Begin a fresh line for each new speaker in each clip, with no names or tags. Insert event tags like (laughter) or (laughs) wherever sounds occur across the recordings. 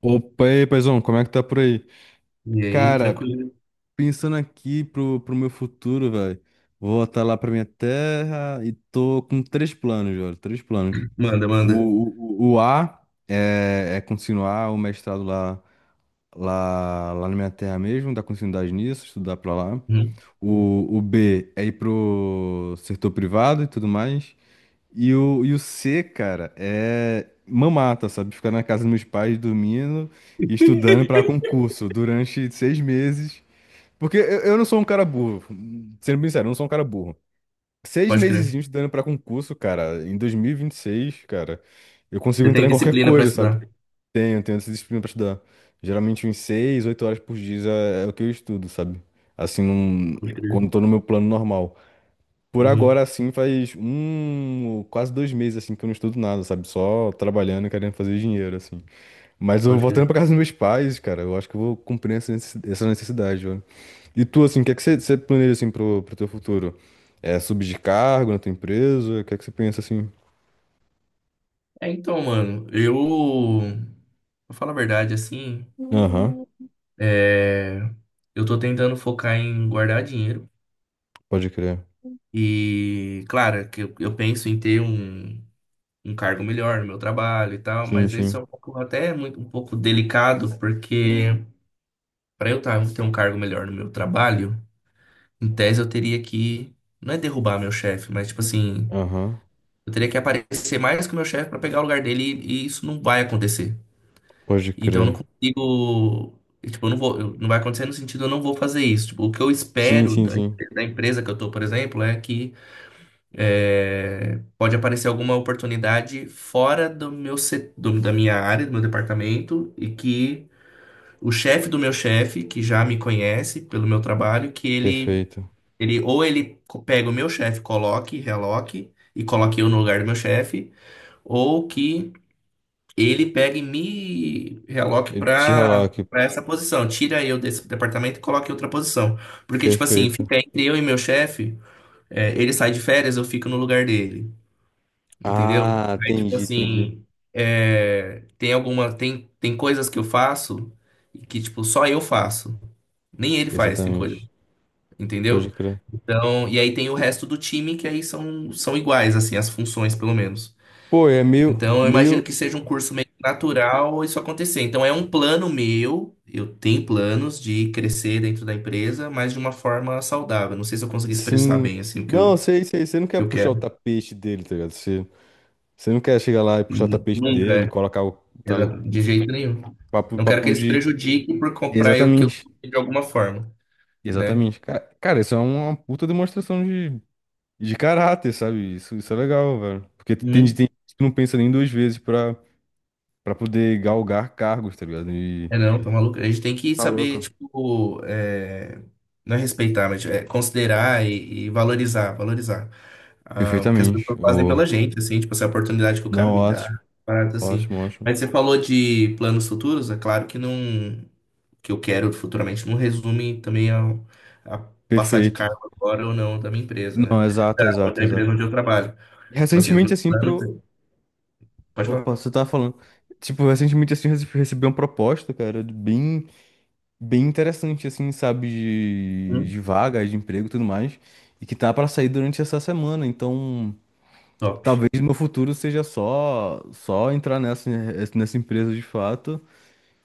Opa, e aí, paizão, como é que tá por aí?
E aí,
Cara,
tranquilo.
pensando aqui pro meu futuro, velho, vou voltar lá pra minha terra e tô com três planos, velho, três planos.
Manda,
O,
manda.
o A é continuar o mestrado lá na minha terra mesmo, dar continuidade nisso, estudar pra lá.
Uhum.
O B é ir pro setor privado e tudo mais. E o C, cara, é mamata, sabe? Ficar na casa dos meus pais dormindo e estudando pra
(laughs)
concurso durante 6 meses. Porque eu não sou um cara burro, sendo bem sincero, eu não sou um cara burro. Seis
Pode
meses
crer.
estudando pra concurso, cara, em 2026, cara, eu consigo
Você
entrar
tem
em qualquer
disciplina pra
coisa, sabe?
estudar.
Tenho essa disciplina pra estudar. Geralmente uns 6, 8 horas por dia é o que eu estudo, sabe? Assim,
Pode crer.
quando tô no meu plano normal. Por
Uhum.
agora, assim, faz quase 2 meses, assim, que eu não estudo nada, sabe? Só trabalhando e querendo fazer dinheiro, assim. Mas eu
Pode
voltando
crer.
pra casa dos meus pais, cara, eu acho que eu vou cumprir essa necessidade, velho. E tu, assim, o que é que você planeja, assim, pro teu futuro? É subir de cargo na tua empresa? O que é que você pensa, assim?
É, então, mano, eu. Pra falar a verdade, assim.
Aham,
É, eu tô tentando focar em guardar dinheiro.
pode crer.
E, claro, que eu penso em ter um, um cargo melhor no meu trabalho e tal,
Sim,
mas isso é
sim.
um pouco, até muito, um pouco delicado, porque ter um cargo melhor no meu trabalho. Em tese, eu teria que. Não é derrubar meu chefe, mas tipo assim.
Aham,
Eu teria que aparecer mais que o meu chefe pra pegar o lugar dele e isso não vai acontecer.
pode
Então eu não
crer.
consigo. Tipo, eu não vou, eu- não vai acontecer no sentido eu não vou fazer isso. Tipo, o que eu
Sim,
espero
sim, sim.
da empresa que eu tô, por exemplo, é que é, pode aparecer alguma oportunidade fora do meu, da minha área, do meu departamento, e que o chefe do meu chefe, que já me conhece pelo meu trabalho, que ele
Perfeito.
Ele, ou ele co- pega o meu chefe, coloque, reloque e coloque eu no lugar do meu chefe, ou que ele pegue e me reloque
Eu te ralar
para
aqui,
para essa posição. Tira eu desse departamento e coloque em outra posição. Porque, tipo assim,
perfeito.
fica entre eu e meu chefe, é, ele sai de férias, eu fico no lugar dele. Entendeu?
Ah,
Aí, tipo
entendi, entendi.
assim, é, tem coisas que eu faço que, tipo, só eu faço. Nem ele faz, tem coisa
Exatamente. Pode
entendeu?
crer.
Então, e aí tem o resto do time que aí são, são iguais, assim, as funções, pelo menos.
Pô, é meio,
Então, eu imagino
meio,
que seja um curso meio natural isso acontecer. Então, é um plano meu, eu tenho planos de crescer dentro da empresa, mas de uma forma saudável. Não sei se eu consegui expressar
sim.
bem, assim, o que
Não, sei, sei, você não quer
eu
puxar o
quero.
tapete dele, tá ligado? Você, você não quer chegar lá e puxar o tapete
Nunca,
dele,
é.
colocar o tá,
Exato, de jeito nenhum.
papo,
Não quero que
papo
eles
de.
prejudiquem por comprar eu que eu
Exatamente,
de alguma forma, né?
exatamente. Cara, isso é uma puta demonstração de, caráter, sabe? Isso é legal, velho. Porque tem,
Hum.
tem gente que não pensa nem duas vezes pra poder galgar cargos, tá ligado? E.
É, não, tá maluco. A gente tem que
Tá
saber,
louco.
tipo, é, não é respeitar, mas tipo, é considerar e valorizar ah, o que as
Perfeitamente.
pessoas fazem pela
Ô,
gente, assim, tipo, essa oportunidade que o
não,
cara me dá,
ótimo,
parada assim.
ótimo, ótimo.
Mas você falou de planos futuros, é claro que não, que eu quero futuramente não resume também a, passar de
Perfeito.
cargo agora ou não da minha empresa, né?
Não,
Da,
exato, exato,
da
exato.
empresa onde eu trabalho. Tipo assim, os
Recentemente,
meus
assim,
planos, pode
Opa,
falar.
você tava falando. Tipo, recentemente, assim, recebi uma proposta, cara, de bem, bem interessante, assim, sabe, de,
Hum,
vaga, de emprego e tudo mais, e que tá pra sair durante essa semana. Então,
top,
talvez no meu futuro seja só entrar nessa, empresa de fato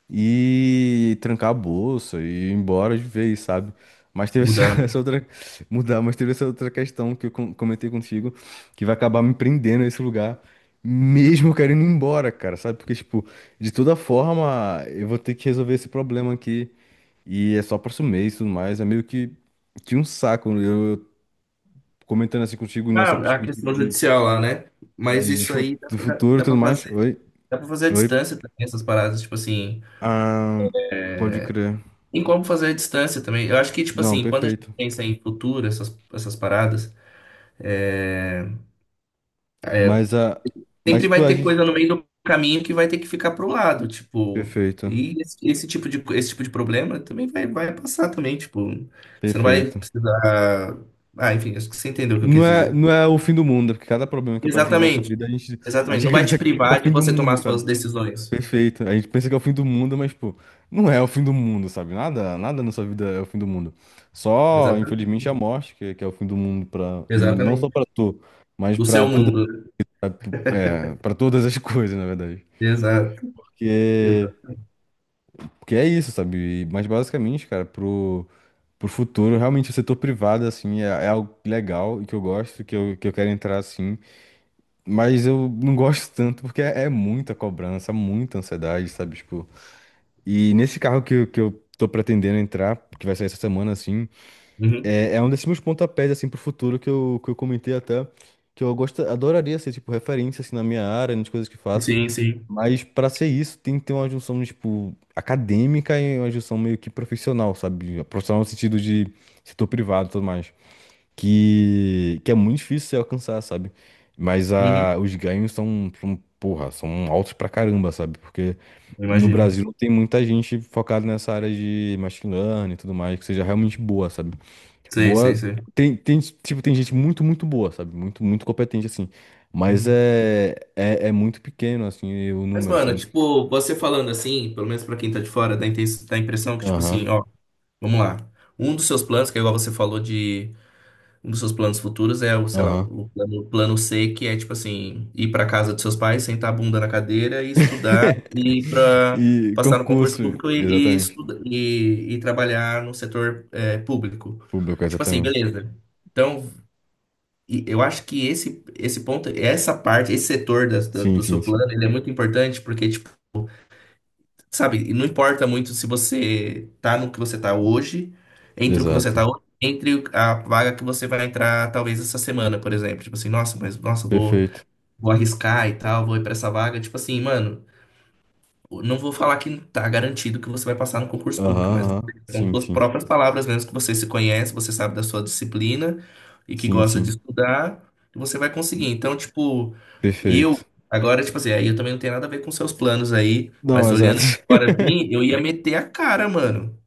e trancar a bolsa e ir embora de vez, sabe? Mas teve essa,
mudar,
(laughs)
né?
essa outra. Mudar, mas teve essa outra questão que eu comentei contigo, que vai acabar me prendendo a esse lugar, mesmo eu querendo ir embora, cara, sabe? Porque, tipo, de toda forma, eu vou ter que resolver esse problema aqui. E é só próximo mês e tudo mais. É meio que um saco, né? Eu comentando assim contigo nessa
Ah, a
perspectiva
questão judicial lá, né? Mas isso aí
do futuro e tudo mais. Oi,
dá pra fazer à
oi.
distância também, essas paradas, tipo assim.
Ah, pode crer.
Tem como fazer à distância também. Eu acho que, tipo
Não,
assim, quando a gente
perfeito.
pensa em futuro, essas paradas, é, é,
Mas a. Mas,
sempre
tipo,
vai
a
ter
gente.
coisa no meio do caminho que vai ter que ficar pro lado, tipo.
Perfeito.
E esse tipo de problema também vai, vai passar também, tipo. Você não vai
Perfeito.
precisar. Ah, enfim, acho que você entendeu o que eu
Não
quis
é,
dizer.
não é o fim do mundo, porque cada problema que aparece na nossa
Exatamente,
vida, a gente, a
exatamente.
gente (laughs)
Não vai te
acredita que é o
privar de
fim do
você
mundo,
tomar
sabe?
suas decisões.
Perfeito. A gente pensa que é o fim do mundo, mas, pô, não é o fim do mundo, sabe? Nada, nada na sua vida é o fim do mundo. Só,
Exatamente.
infelizmente, a morte, que é o fim do mundo pra, e não só
Exatamente.
pra tu, mas
Do
pra
seu
toda,
mundo.
pra- pra todas as (laughs) coisas, na verdade.
Exato.
Porque
Exato.
Porque é isso, sabe? E. Mas basicamente, cara, pro futuro, realmente o setor privado, assim, é algo legal e que eu gosto, que eu quero entrar, assim. Mas eu não gosto tanto porque é muita cobrança, muita ansiedade, sabe? Tipo, e nesse carro que, que eu tô pretendendo entrar, que vai sair essa semana, assim,
Uhum.
é um desses meus pontapés, assim, pro futuro que eu, comentei até, que eu gosto, adoraria ser, tipo, referência, assim, na minha área, nas coisas que faço.
Sim, sim.
Mas para ser isso, tem que ter uma junção, tipo, acadêmica e uma junção meio que profissional, sabe? Profissional no sentido de setor privado e tudo mais. Que é muito difícil você alcançar, sabe? Mas
Uhum.
a, os ganhos são, porra, são altos pra caramba, sabe? Porque
Eu
no
imagino.
Brasil não tem muita gente focada nessa área de machine learning e tudo mais, que seja realmente boa, sabe?
Sei, sei,
Boa.
sei.
Tem, tipo, tem gente muito, muito boa, sabe? Muito, muito competente, assim. Mas
Uhum.
é muito pequeno, assim, o
Mas,
número,
mano,
sabe?
tipo, você falando assim, pelo menos pra quem tá de fora, dá, dá a impressão que, tipo assim,
Aham,
ó, vamos lá. Um dos seus planos, que é igual você falou de Um dos seus planos futuros é o, sei lá,
aham.
o plano C, que é tipo assim, ir para casa dos seus pais, sentar a bunda na cadeira e estudar e
(laughs)
para
E
passar no concurso
concurso,
público e, e,
exatamente.
estuda- e, e trabalhar no setor é, público.
Público,
Tipo assim,
exatamente.
beleza. Então, eu acho que esse ponto, essa parte, esse setor
Sim,
do
sim,
seu
sim.
plano, ele é muito importante porque, tipo, sabe, e não importa muito se você tá no que você tá hoje, entre o que você
Exato.
tá hoje, entre a vaga que você vai entrar talvez essa semana, por exemplo. Tipo assim, nossa, mas nossa, vou,
Perfeito.
vou arriscar e tal, vou ir pra essa vaga. Tipo assim, mano. Não vou falar que tá garantido que você vai passar no concurso público,
Aham,
mas
aham.
com
Sim,
suas
sim.
próprias palavras mesmo, que você se conhece, você sabe da sua disciplina e que
Sim,
gosta de
sim.
estudar, você vai conseguir. Então, tipo, eu,
Perfeito.
agora, tipo assim, aí eu também não tenho nada a ver com seus planos aí,
Não,
mas
exato.
olhando
(laughs)
agora assim, eu ia meter a cara, mano.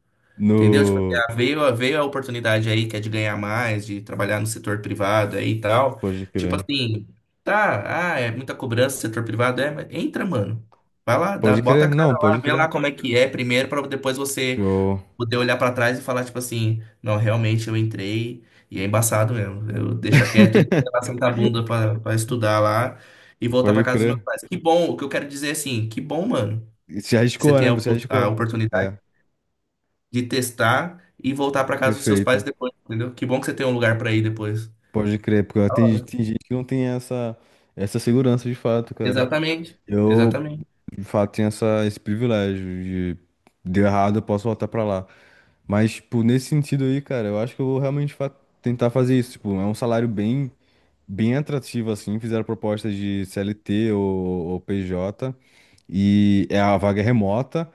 Entendeu? Tipo, assim,
No.
ah, veio, veio a oportunidade aí que é de ganhar mais, de trabalhar no setor privado aí e tal.
Pode
Tipo
crer.
assim, tá, ah, é muita cobrança, setor privado é, mas entra, mano. Vai lá, dá,
Pode
bota
crer?
a cara
Não,
lá,
pode
vê
crer.
lá como é que é primeiro, pra depois você
Show.
poder olhar pra trás e falar, tipo assim, não, realmente eu entrei e é embaçado mesmo. Eu deixa quieto, deixa lá
(laughs)
sentar a bunda pra estudar lá e voltar pra
Pode
casa dos meus
crer.
pais. Que bom, o que eu quero dizer é assim, que bom, mano,
E você
que você
arriscou,
tem
né? Você
a
arriscou.
oportunidade
É,
de testar e voltar para casa dos seus pais
perfeito.
depois, entendeu? Que bom que você tem um lugar para ir depois.
Pode crer, porque
Da
tem,
hora.
tem gente que não tem essa segurança de fato, cara.
Exatamente,
Eu,
exatamente.
de fato tem esse privilégio de deu errado, eu posso voltar pra lá. Mas, tipo, nesse sentido aí, cara, eu acho que eu vou realmente tentar fazer isso. Tipo, é um salário bem, bem atrativo, assim. Fizeram propostas de CLT ou PJ, e é a vaga é remota,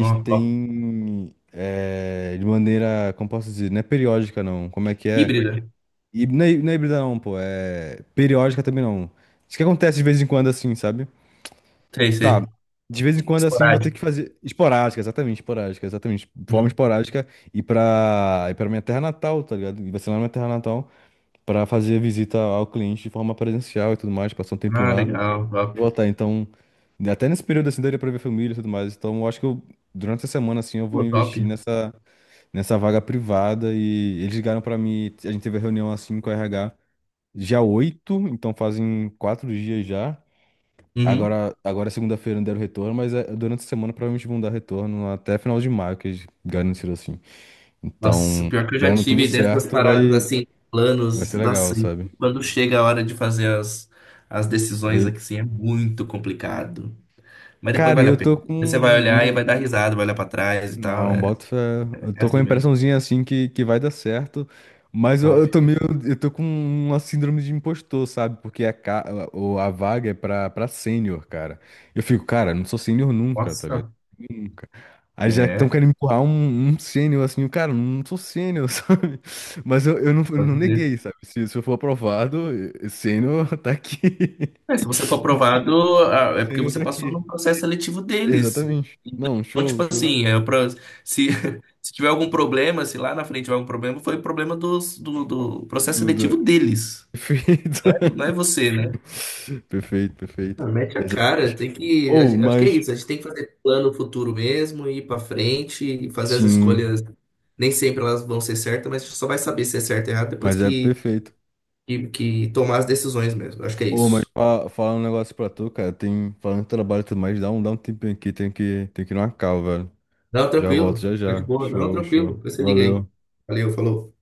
Ó, ó.
tem é, de maneira, como posso dizer, não é periódica, não. Como é que é?
Híbrida,
E não é híbrida, não, pô. É periódica também, não. Isso que acontece de vez em quando, assim, sabe?
sei,
Tá.
sei.
De vez em quando, assim, vou ter
Esporádica.
que fazer. Esporádica, exatamente, esporádica, exatamente. De forma
Uhum.
esporádica e pra minha terra natal, tá ligado? E vai ser lá na minha terra natal pra fazer visita ao cliente de forma presencial e tudo mais, passar um tempinho
Ah,
lá
legal,
e
top.
voltar. Então, até nesse período, assim, daria pra ver família e tudo mais. Então, eu acho que eu, durante a semana, assim, eu vou
Pô, top.
investir nessa, vaga privada e eles ligaram pra mim. A gente teve a reunião, assim, com a RH dia 8, então fazem 4 dias já.
Uhum.
Agora, agora é segunda-feira, não deram retorno, mas é, durante a semana provavelmente vão dar retorno até final de maio, que eles garantiram assim.
Nossa,
Então,
pior que eu já
dando tudo
tive dessas
certo,
paradas
vai,
assim,
vai
planos,
ser legal,
nossa, e
sabe?
quando chega a hora de fazer as, as decisões
Oi.
aqui, assim, é muito complicado. Mas depois
Cara,
vale a
eu
pena.
tô com
Você vai olhar
um,
e vai
um
dar risada, vai olhar pra trás e tal.
Não,
É,
boto fé. Eu
é
tô com a
assim mesmo.
impressãozinha assim que vai dar certo, mas eu,
Top.
eu tô com uma síndrome de impostor, sabe? Porque a vaga é pra sênior, cara. Eu fico, cara, não sou sênior nunca, tá ligado?
Nossa.
Nunca. Aí já estão
É.
querendo empurrar um sênior assim, eu, cara, não sou sênior, (laughs) sabe? Mas eu, não, eu
Pode
não
crer.
neguei, sabe? Se eu for aprovado, eh, sênior tá aqui.
É, se você for
(laughs)
aprovado, ah, é porque
Sênior
você
tá
passou
aqui.
no processo seletivo deles.
Exatamente. Não,
Então,
show,
tipo
show.
assim, é pra, se, (laughs) se tiver algum problema, se lá na frente tiver algum problema, foi problema do processo
Duda.
seletivo deles.
(laughs) Perfeito.
Não é você, né?
Perfeito, perfeito.
Ah, mete a cara,
Exatamente.
tem que.
Ou,
A acho que é
mas.
isso. A gente tem que fazer plano futuro mesmo, ir pra frente e fazer as
Sim,
escolhas. Nem sempre elas vão ser certas, mas a gente só vai saber se é certo ou errado depois
mas é perfeito.
que tomar as decisões mesmo. Acho que é
Ou, mas
isso.
falar um negócio pra tu, cara. Tem, falando de trabalho e tudo mais, dá um tempinho aqui. Tem que ir numa cal velho.
Não,
Já volto,
tranquilo.
já
Fica de
já.
boa. Não,
Show,
tranquilo.
show.
Depois você liga aí.
Valeu.
Valeu, falou.